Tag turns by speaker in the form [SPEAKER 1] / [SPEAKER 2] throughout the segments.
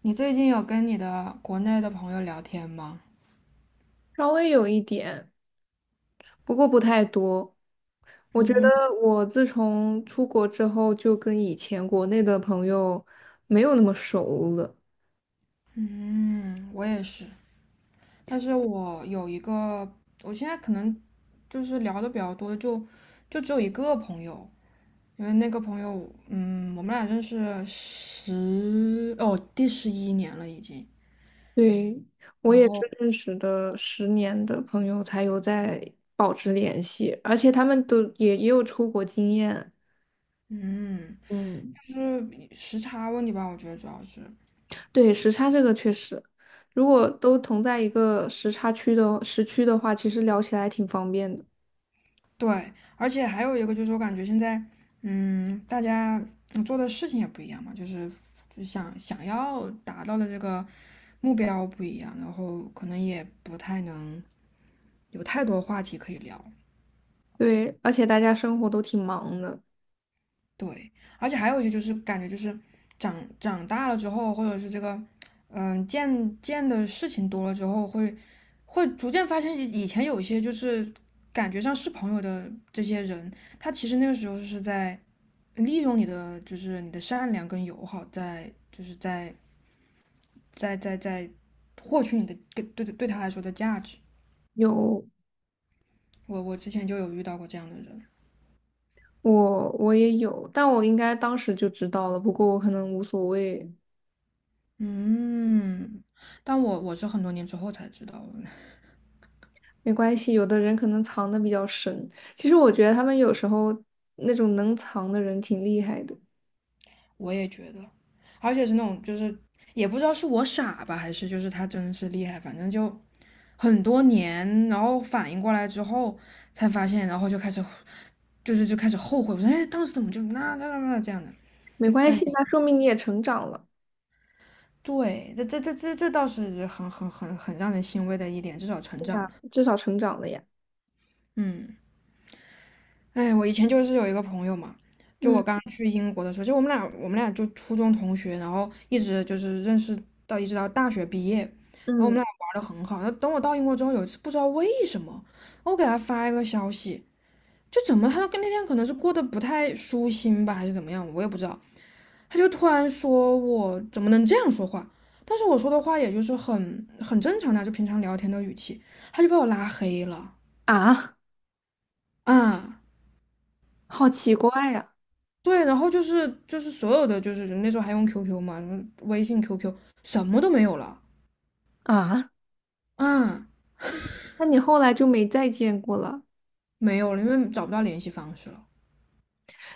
[SPEAKER 1] 你最近有跟你的国内的朋友聊天吗？
[SPEAKER 2] 稍微有一点，不过不太多。我觉得
[SPEAKER 1] 嗯，
[SPEAKER 2] 我自从出国之后，就跟以前国内的朋友没有那么熟了。
[SPEAKER 1] 嗯，我也是，但是我有一个，我现在可能就是聊的比较多，的，就就只有一个朋友。因为那个朋友，我们俩认识十，哦，第11年了已经。
[SPEAKER 2] 对，我
[SPEAKER 1] 然
[SPEAKER 2] 也
[SPEAKER 1] 后，
[SPEAKER 2] 是认识的十年的朋友才有在保持联系，而且他们都也有出国经验。
[SPEAKER 1] 嗯，
[SPEAKER 2] 嗯，
[SPEAKER 1] 就是时差问题吧，我觉得主要是。
[SPEAKER 2] 对，时差这个确实，如果都同在一个时差区的时区的话，其实聊起来挺方便的。
[SPEAKER 1] 对，而且还有一个就是，我感觉现在，大家做的事情也不一样嘛，就是就想想要达到的这个目标不一样，然后可能也不太能有太多话题可以聊。
[SPEAKER 2] 对，而且大家生活都挺忙的。
[SPEAKER 1] 对，而且还有一些就是感觉就是长长大了之后，或者是这个，见见的事情多了之后，会逐渐发现以前有一些就是感觉上是朋友的这些人，他其实那个时候是在利用你的就是你的善良跟友好在，就是在获取你的对对他来说的价值。
[SPEAKER 2] 有，
[SPEAKER 1] 我之前就有遇到过这样的人。
[SPEAKER 2] 我也有，但我应该当时就知道了，不过我可能无所谓，
[SPEAKER 1] 嗯，但我是很多年之后才知道的。
[SPEAKER 2] 没关系。有的人可能藏的比较深，其实我觉得他们有时候那种能藏的人挺厉害的。
[SPEAKER 1] 我也觉得，而且是那种就是也不知道是我傻吧，还是就是他真是厉害，反正就很多年，然后反应过来之后才发现，然后就开始就是就开始后悔。我说哎当时怎么就那这样的。
[SPEAKER 2] 没关系，那说明你也成长了。
[SPEAKER 1] 对，这倒是很让人欣慰的一点，至少成
[SPEAKER 2] 对
[SPEAKER 1] 长了。
[SPEAKER 2] 呀，至少成长了呀。
[SPEAKER 1] 嗯，哎，我以前就是有一个朋友嘛。就我
[SPEAKER 2] 嗯
[SPEAKER 1] 刚去英国的时候，就我们俩就初中同学，然后一直就是认识到一直到大学毕业，然后我们
[SPEAKER 2] 嗯。
[SPEAKER 1] 俩玩的很好。然后等我到英国之后，有一次不知道为什么，我给他发一个消息。就怎么他跟那天可能是过得不太舒心吧，还是怎么样，我也不知道。他就突然说我怎么能这样说话？但是我说的话也就是很正常的啊，就平常聊天的语气。他就把我拉黑了
[SPEAKER 2] 啊，
[SPEAKER 1] 啊。嗯
[SPEAKER 2] 好奇怪呀！
[SPEAKER 1] 对，然后就是就是所有的就是那时候还用 QQ 嘛，微信、QQ 什么都没有了
[SPEAKER 2] 啊，
[SPEAKER 1] 啊。嗯
[SPEAKER 2] 那你后来就没再见过了？
[SPEAKER 1] 没有了，因为找不到联系方式了。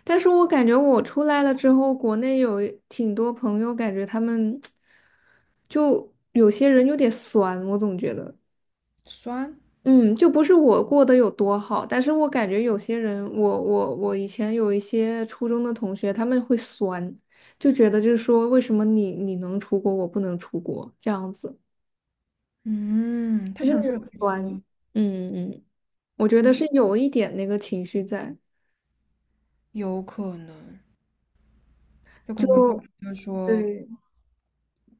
[SPEAKER 2] 但是我感觉我出来了之后，国内有挺多朋友，感觉他们 就有些人有点酸，我总觉得。
[SPEAKER 1] 酸。
[SPEAKER 2] 嗯，就不是我过得有多好，但是我感觉有些人，我以前有一些初中的同学，他们会酸，就觉得就是说，为什么你能出国，我不能出国这样子，
[SPEAKER 1] 嗯，他
[SPEAKER 2] 就是
[SPEAKER 1] 想
[SPEAKER 2] 那
[SPEAKER 1] 说也
[SPEAKER 2] 种
[SPEAKER 1] 可以
[SPEAKER 2] 酸。
[SPEAKER 1] 说。
[SPEAKER 2] 嗯嗯，我觉得是有一点那个情绪在，
[SPEAKER 1] 有可能，有可能会就
[SPEAKER 2] 就
[SPEAKER 1] 得说，
[SPEAKER 2] 对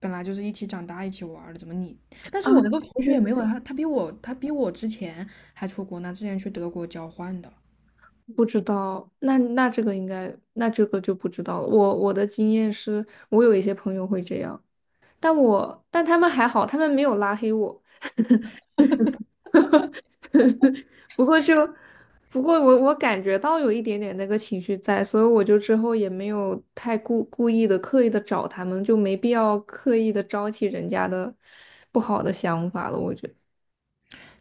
[SPEAKER 1] 本来就是一起长大、一起玩儿的，怎么你？但
[SPEAKER 2] 啊，
[SPEAKER 1] 是我那个同学
[SPEAKER 2] 对。
[SPEAKER 1] 也没有他，他比我之前还出国呢，之前去德国交换的。
[SPEAKER 2] 不知道，那这个应该，那这个就不知道了。我的经验是，我有一些朋友会这样，但我但他们还好，他们没有拉黑我。不过就，不过我感觉到有一点点那个情绪在，所以我就之后也没有太故故意的刻意的找他们，就没必要刻意的招起人家的不好的想法了。我觉得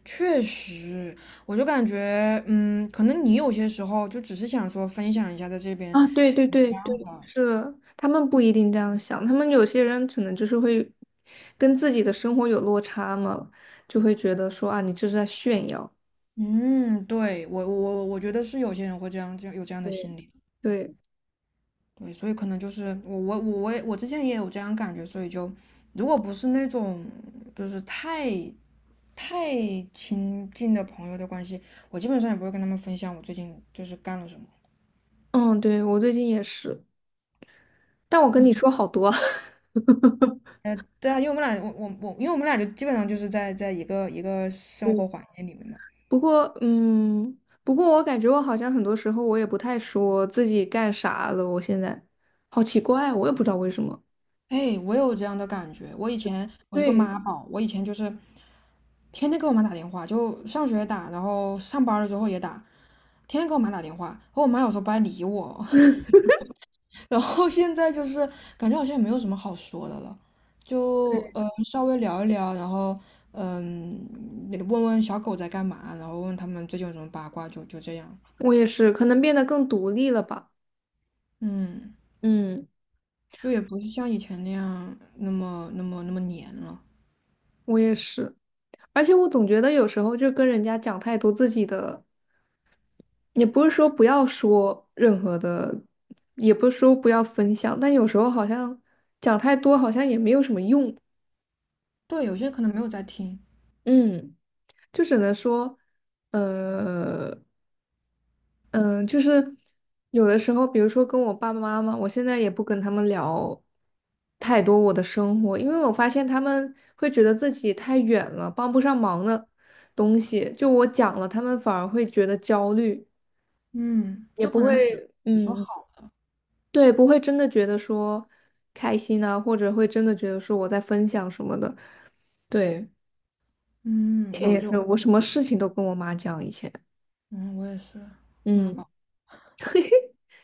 [SPEAKER 1] 确实，我就感觉，可能你有些时候就只是想说分享一下在这边。
[SPEAKER 2] 啊，对，
[SPEAKER 1] 啊，
[SPEAKER 2] 是他们不一定这样想，他们有些人可能就是会跟自己的生活有落差嘛，就会觉得说啊，你这是在炫耀。
[SPEAKER 1] 嗯，对，我觉得是有些人会这样，这样有这样的
[SPEAKER 2] 对
[SPEAKER 1] 心理。
[SPEAKER 2] 对，
[SPEAKER 1] 对，所以可能就是我之前也有这样感觉，所以就如果不是那种就是太亲近的朋友的关系，我基本上也不会跟他们分享我最近就是干了什么。
[SPEAKER 2] 嗯，对，我最近也是，但我跟你说好多。
[SPEAKER 1] 对啊，因为我们俩我我我，因为我们俩就基本上就是在在一个生
[SPEAKER 2] 嗯。
[SPEAKER 1] 活环境里面嘛。
[SPEAKER 2] 不过，不过我感觉我好像很多时候我也不太说自己干啥了，我现在好奇怪，我也不知道为什么。
[SPEAKER 1] 哎，我有这样的感觉。我以前我是个
[SPEAKER 2] 对，
[SPEAKER 1] 妈宝，我以前就是天天给我妈打电话，就上学打，然后上班了之后也打，天天给我妈打电话。然后我妈有时候不爱理我，然后现在就是感觉好像也没有什么好说的了，就
[SPEAKER 2] 对
[SPEAKER 1] 稍微聊一聊，然后也问问小狗在干嘛，然后问他们最近有什么八卦，就就这样。
[SPEAKER 2] 我也是，可能变得更独立了吧。
[SPEAKER 1] 嗯，
[SPEAKER 2] 嗯，
[SPEAKER 1] 就也不是像以前那样那么黏了。
[SPEAKER 2] 我也是，而且我总觉得有时候就跟人家讲太多自己的，也不是说不要说任何的，也不是说不要分享，但有时候好像讲太多好像也没有什么用。
[SPEAKER 1] 对，有些可能没有在听。
[SPEAKER 2] 嗯，就只能说，呃。嗯，就是有的时候，比如说跟我爸爸妈妈，我现在也不跟他们聊太多我的生活，因为我发现他们会觉得自己太远了，帮不上忙的东西，就我讲了，他们反而会觉得焦虑，
[SPEAKER 1] 嗯，
[SPEAKER 2] 也
[SPEAKER 1] 就
[SPEAKER 2] 不
[SPEAKER 1] 可
[SPEAKER 2] 会，
[SPEAKER 1] 能只只说
[SPEAKER 2] 嗯，
[SPEAKER 1] 好，
[SPEAKER 2] 对，不会真的觉得说开心啊，或者会真的觉得说我在分享什么的。对，以
[SPEAKER 1] 嗯，
[SPEAKER 2] 前
[SPEAKER 1] 有
[SPEAKER 2] 也
[SPEAKER 1] 这种。
[SPEAKER 2] 是，我什么事情都跟我妈讲，以前，
[SPEAKER 1] 嗯，我也是妈
[SPEAKER 2] 嗯。
[SPEAKER 1] 宝。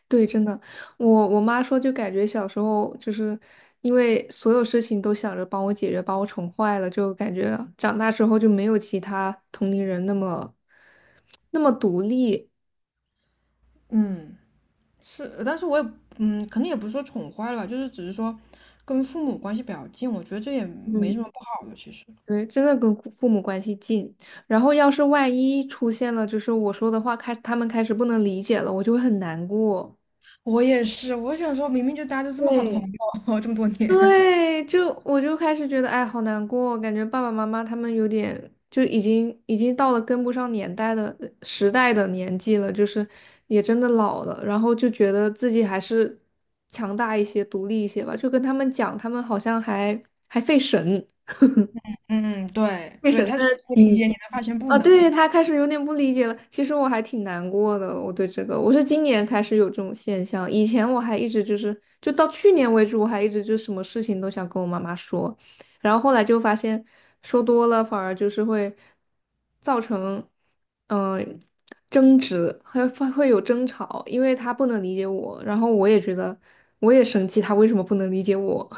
[SPEAKER 2] 对，真的，我我妈说，就感觉小时候就是因为所有事情都想着帮我解决，把我宠坏了，就感觉长大之后就没有其他同龄人那么独立。
[SPEAKER 1] 嗯。是，但是我也可能也不是说宠坏了吧，就是只是说跟父母关系比较近，我觉得这也没什么
[SPEAKER 2] 嗯
[SPEAKER 1] 不好的。其实
[SPEAKER 2] 对，真的跟父父母关系近。然后要是万一出现了，就是我说的话开，他们开始不能理解了，我就会很难过。
[SPEAKER 1] 我也是，我想说明明就大家都这么好的朋
[SPEAKER 2] 对，
[SPEAKER 1] 友，这么多年。
[SPEAKER 2] 对，就我就开始觉得，哎，好难过，感觉爸爸妈妈他们有点就已经到了跟不上年代的时代的年纪了，就是也真的老了，然后就觉得自己还是强大一些、独立一些吧。就跟他们讲，他们好像还费神，
[SPEAKER 1] 嗯，对
[SPEAKER 2] 费
[SPEAKER 1] 对，
[SPEAKER 2] 神在
[SPEAKER 1] 他试图理
[SPEAKER 2] 听。
[SPEAKER 1] 解你，但发现不
[SPEAKER 2] 啊，
[SPEAKER 1] 能。
[SPEAKER 2] 对，他开始有点不理解了。其实我还挺难过的，我对这个，我是今年开始有这种现象，以前我还一直就是，就到去年为止，我还一直就什么事情都想跟我妈妈说，然后后来就发现说多了反而就是会造成，嗯、争执，还会有争吵，因为他不能理解我，然后我也觉得我也生气，他为什么不能理解我？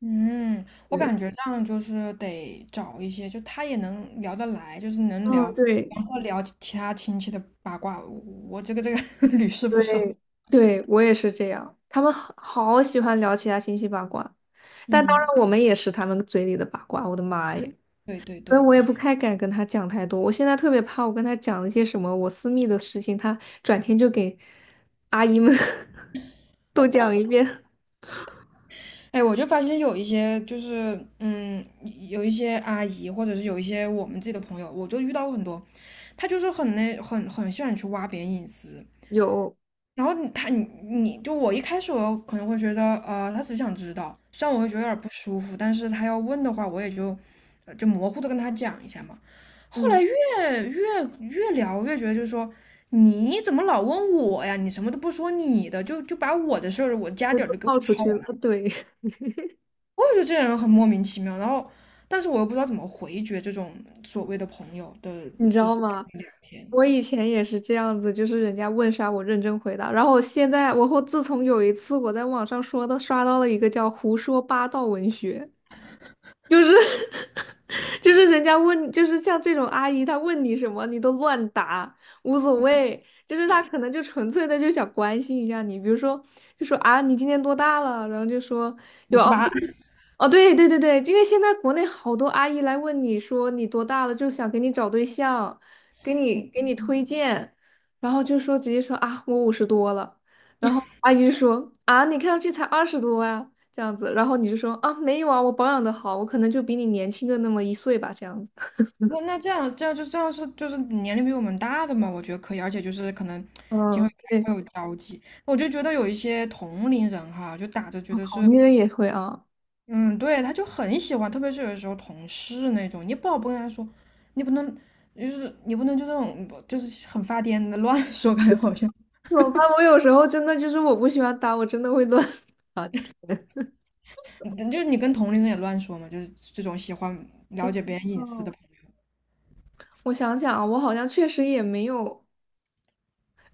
[SPEAKER 1] 嗯，我
[SPEAKER 2] 对，
[SPEAKER 1] 感觉这样就是得找一些，就他也能聊得来，就是能聊，
[SPEAKER 2] 嗯，
[SPEAKER 1] 比
[SPEAKER 2] 对。
[SPEAKER 1] 方说聊其他亲戚的八卦。我这个这个 屡试不爽。
[SPEAKER 2] 对，对，我也是这样。他们好喜欢聊其他信息八卦，但当
[SPEAKER 1] 嗯，
[SPEAKER 2] 然我们也是他们嘴里的八卦。我的妈耶！
[SPEAKER 1] 对对
[SPEAKER 2] 所以
[SPEAKER 1] 对。
[SPEAKER 2] 我也不太敢跟他讲太多。我现在特别怕，我跟他讲一些什么我私密的事情，他转天就给阿姨们 都讲一遍。
[SPEAKER 1] 哎，我就发现有一些就是，有一些阿姨，或者是有一些我们自己的朋友，我就遇到过很多。她就是很那很很喜欢去挖别人隐私。
[SPEAKER 2] 有，
[SPEAKER 1] 然后你她你你就我一开始我可能会觉得，她只想知道，虽然我会觉得有点不舒服，但是她要问的话，我也就就模糊的跟她讲一下嘛。后来
[SPEAKER 2] 嗯，
[SPEAKER 1] 越聊越觉得就是说。你怎么老问我呀？你什么都不说你的，就就把我的事儿、我家
[SPEAKER 2] 那
[SPEAKER 1] 底儿
[SPEAKER 2] 都
[SPEAKER 1] 都给我
[SPEAKER 2] 泡出
[SPEAKER 1] 掏。
[SPEAKER 2] 去了。对，
[SPEAKER 1] 我也觉得这些人很莫名其妙，然后但是我又不知道怎么回绝这种所谓的朋友的
[SPEAKER 2] 你知
[SPEAKER 1] 这
[SPEAKER 2] 道
[SPEAKER 1] 样
[SPEAKER 2] 吗？
[SPEAKER 1] 的聊天。
[SPEAKER 2] 我以前也是这样子，就是人家问啥我认真回答。然后我现在，我后自从有一次我在网上说的刷到了一个叫“胡说八道文学”，就是 就是人家问，就是像这种阿姨，她问你什么，你都乱答，无所谓。就是她可能就纯粹的就想关心一下你，比如说就说啊，你今年多大了？然后就说
[SPEAKER 1] 五
[SPEAKER 2] 有
[SPEAKER 1] 十
[SPEAKER 2] 哦，
[SPEAKER 1] 八，
[SPEAKER 2] 哦对，因为现在国内好多阿姨来问你说你多大了，就想给你找对象，给你推荐，然后就说直接说啊，我五十多了，然后阿姨就说啊，你看上去才二十多呀。这样子，然后你就说啊，没有啊，我保养的好，我可能就比你年轻个那么一岁吧，这样子。
[SPEAKER 1] 那那这样这样就这样是就是年龄比我们大的嘛，我觉得可以，而且就是可能今后
[SPEAKER 2] 嗯，对，
[SPEAKER 1] 还会有交集。我就觉得有一些同龄人哈，就打着觉得
[SPEAKER 2] 好
[SPEAKER 1] 是。
[SPEAKER 2] 女人也会啊，
[SPEAKER 1] 嗯，对，他就很喜欢，特别是有的时候同事那种，你不好不跟他说。你不能就是你不能就这种就是很发癫的乱说，感觉好像。
[SPEAKER 2] 怎么办？我有时候真的就是我不喜欢打，我真的会乱。
[SPEAKER 1] 你就是你跟同龄人也乱说嘛，就是这种喜欢了
[SPEAKER 2] 嗯
[SPEAKER 1] 解别人隐私的
[SPEAKER 2] 哦，
[SPEAKER 1] 朋友。
[SPEAKER 2] 我想想啊，我好像确实也没有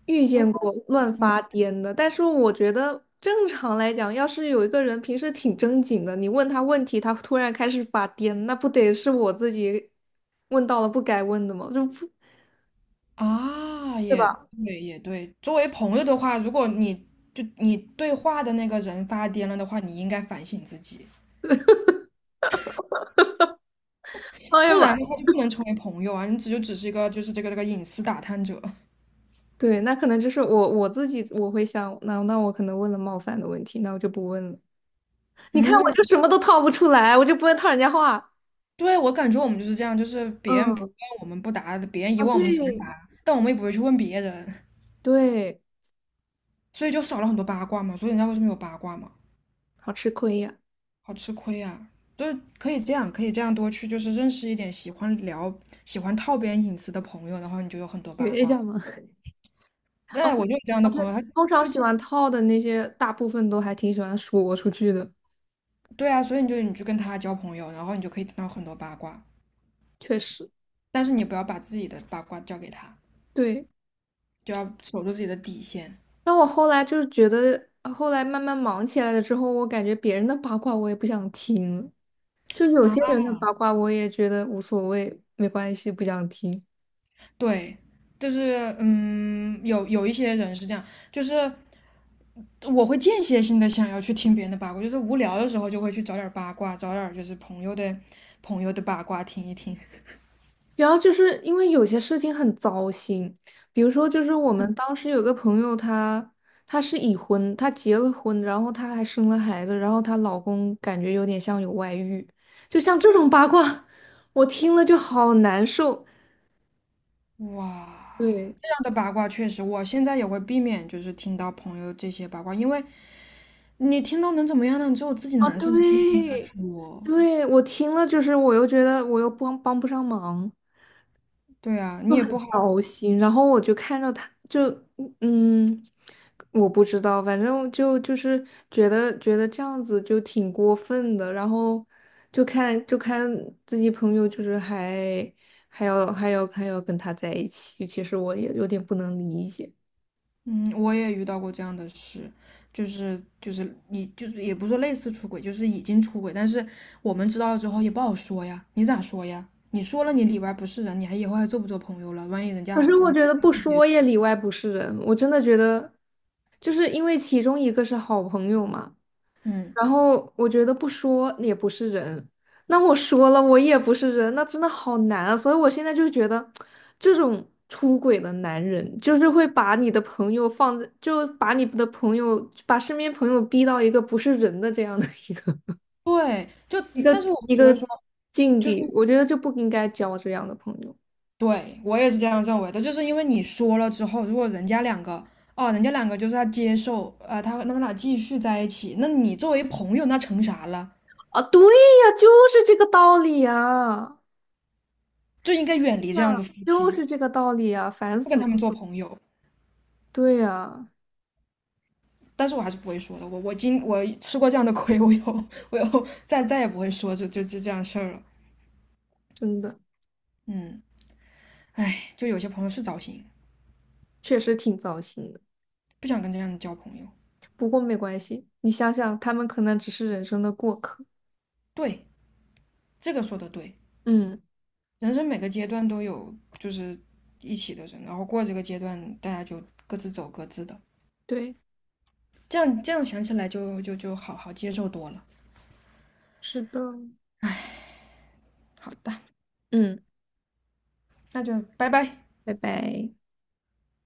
[SPEAKER 2] 遇
[SPEAKER 1] 我
[SPEAKER 2] 见
[SPEAKER 1] 闹
[SPEAKER 2] 过乱
[SPEAKER 1] 出来
[SPEAKER 2] 发癫的，但是我觉得正常来讲，要是有一个人平时挺正经的，你问他问题，他突然开始发癫，那不得是我自己问到了不该问的吗？就不，
[SPEAKER 1] 啊，
[SPEAKER 2] 对
[SPEAKER 1] 也
[SPEAKER 2] 吧？
[SPEAKER 1] 对，也对。作为朋友的话，如果你就你对话的那个人发癫了的话，你应该反省自己，
[SPEAKER 2] 哎呀
[SPEAKER 1] 不
[SPEAKER 2] 妈！
[SPEAKER 1] 然的话就不能成为朋友啊，你只就只是一个就是这个隐私打探者。
[SPEAKER 2] 对，那可能就是我自己我会想，那我可能问了冒犯的问题，那我就不问了。你看，我
[SPEAKER 1] 嗯，
[SPEAKER 2] 就什么都套不出来，我就不会套人家话。
[SPEAKER 1] 对，我感觉我们就是这样，就是别人不
[SPEAKER 2] 嗯，
[SPEAKER 1] 问我们不答，别人一
[SPEAKER 2] 啊
[SPEAKER 1] 问我们全
[SPEAKER 2] 对，
[SPEAKER 1] 答，但我们也不会去问别人，
[SPEAKER 2] 对，
[SPEAKER 1] 所以就少了很多八卦嘛。所以人家为什么有八卦嘛？
[SPEAKER 2] 好吃亏呀。
[SPEAKER 1] 好吃亏啊！就是可以这样，可以这样多去，就是认识一点喜欢聊、喜欢套别人隐私的朋友，然后你就有很多八
[SPEAKER 2] 学一
[SPEAKER 1] 卦。
[SPEAKER 2] 下嘛。哦
[SPEAKER 1] 对，我就有这样
[SPEAKER 2] 哦，
[SPEAKER 1] 的
[SPEAKER 2] 对，
[SPEAKER 1] 朋友。他
[SPEAKER 2] 通常喜欢套的那些，大部分都还挺喜欢说出去的，
[SPEAKER 1] 对啊，所以你就跟他交朋友，然后你就可以听到很多八卦，
[SPEAKER 2] 确实。
[SPEAKER 1] 但是你不要把自己的八卦交给他，
[SPEAKER 2] 对，
[SPEAKER 1] 就要守住自己的底线
[SPEAKER 2] 那我后来就是觉得，后来慢慢忙起来了之后，我感觉别人的八卦我也不想听了，就有些
[SPEAKER 1] 啊。
[SPEAKER 2] 人的八卦我也觉得无所谓，没关系，不想听。
[SPEAKER 1] 对，就是有一些人是这样，就是我会间歇性的想要去听别人的八卦，就是无聊的时候就会去找点儿八卦，找点儿就是朋友的八卦听一听。
[SPEAKER 2] 然后就是因为有些事情很糟心，比如说，就是我们当时有个朋友她，她是已婚，她结了婚，然后她还生了孩子，然后她老公感觉有点像有外遇，就像这种八卦，我听了就好难受。
[SPEAKER 1] 哇，
[SPEAKER 2] 对，
[SPEAKER 1] 这样的八卦确实，我现在也会避免，就是听到朋友这些八卦，因为你听到能怎么样呢？你只有自己
[SPEAKER 2] 啊，
[SPEAKER 1] 难受，你可以跟他
[SPEAKER 2] 对，
[SPEAKER 1] 说。
[SPEAKER 2] 对，我听了就是我又觉得我又帮不上忙。
[SPEAKER 1] 对啊，
[SPEAKER 2] 就
[SPEAKER 1] 你也不好。
[SPEAKER 2] 很糟心。然后我就看着他，就嗯，嗯我不知道，反正就是觉得这样子就挺过分的。然后就看自己朋友，就是还还要跟他在一起，其实我也有点不能理解。
[SPEAKER 1] 嗯，我也遇到过这样的事，就是就是你就是也不是说类似出轨，就是已经出轨，但是我们知道了之后也不好说呀，你咋说呀？你说了你里外不是人，你还以后还做不做朋友了？万一人家
[SPEAKER 2] 可
[SPEAKER 1] 还
[SPEAKER 2] 是
[SPEAKER 1] 真
[SPEAKER 2] 我
[SPEAKER 1] 的
[SPEAKER 2] 觉得不说也里外不是人，我真的觉得，就是因为其中一个是好朋友嘛。
[SPEAKER 1] 嗯，
[SPEAKER 2] 然后我觉得不说也不是人，那我说了我也不是人，那真的好难啊！所以我现在就觉得，这种出轨的男人，就是会把你的朋友放在，就把你的朋友，把身边朋友逼到一个不是人的这样的一个
[SPEAKER 1] 对，就
[SPEAKER 2] 一
[SPEAKER 1] 但
[SPEAKER 2] 个
[SPEAKER 1] 是我
[SPEAKER 2] 一
[SPEAKER 1] 觉得
[SPEAKER 2] 个
[SPEAKER 1] 说，
[SPEAKER 2] 境
[SPEAKER 1] 就是
[SPEAKER 2] 地，我觉得就不应该交这样的朋友
[SPEAKER 1] 对，我也是这样认为的，就是因为你说了之后，如果人家两个，哦，人家两个就是他接受，他他们俩继续在一起，那你作为朋友，那成啥了？
[SPEAKER 2] 啊！对呀，就是这个道理啊！
[SPEAKER 1] 就应该远离
[SPEAKER 2] 对呀，
[SPEAKER 1] 这样的夫
[SPEAKER 2] 就
[SPEAKER 1] 妻，
[SPEAKER 2] 是这个道理啊！烦
[SPEAKER 1] 不跟
[SPEAKER 2] 死了。
[SPEAKER 1] 他们做朋友。
[SPEAKER 2] 对呀，
[SPEAKER 1] 但是我还是不会说的。我吃过这样的亏，我以后再再也不会说这这就这样事儿了。
[SPEAKER 2] 真的
[SPEAKER 1] 嗯，哎，就有些朋友是糟心。
[SPEAKER 2] 确实挺糟心。的。
[SPEAKER 1] 不想跟这样的交朋友。
[SPEAKER 2] 不过没关系，你想想，他们可能只是人生的过客。
[SPEAKER 1] 对，这个说的对。
[SPEAKER 2] 嗯，
[SPEAKER 1] 人生每个阶段都有就是一起的人，然后过这个阶段，大家就各自走各自的，
[SPEAKER 2] 对，
[SPEAKER 1] 这样这样想起来就就好好接受多了。
[SPEAKER 2] 是的，
[SPEAKER 1] 好的，
[SPEAKER 2] 嗯，
[SPEAKER 1] 那就拜拜。
[SPEAKER 2] 拜拜。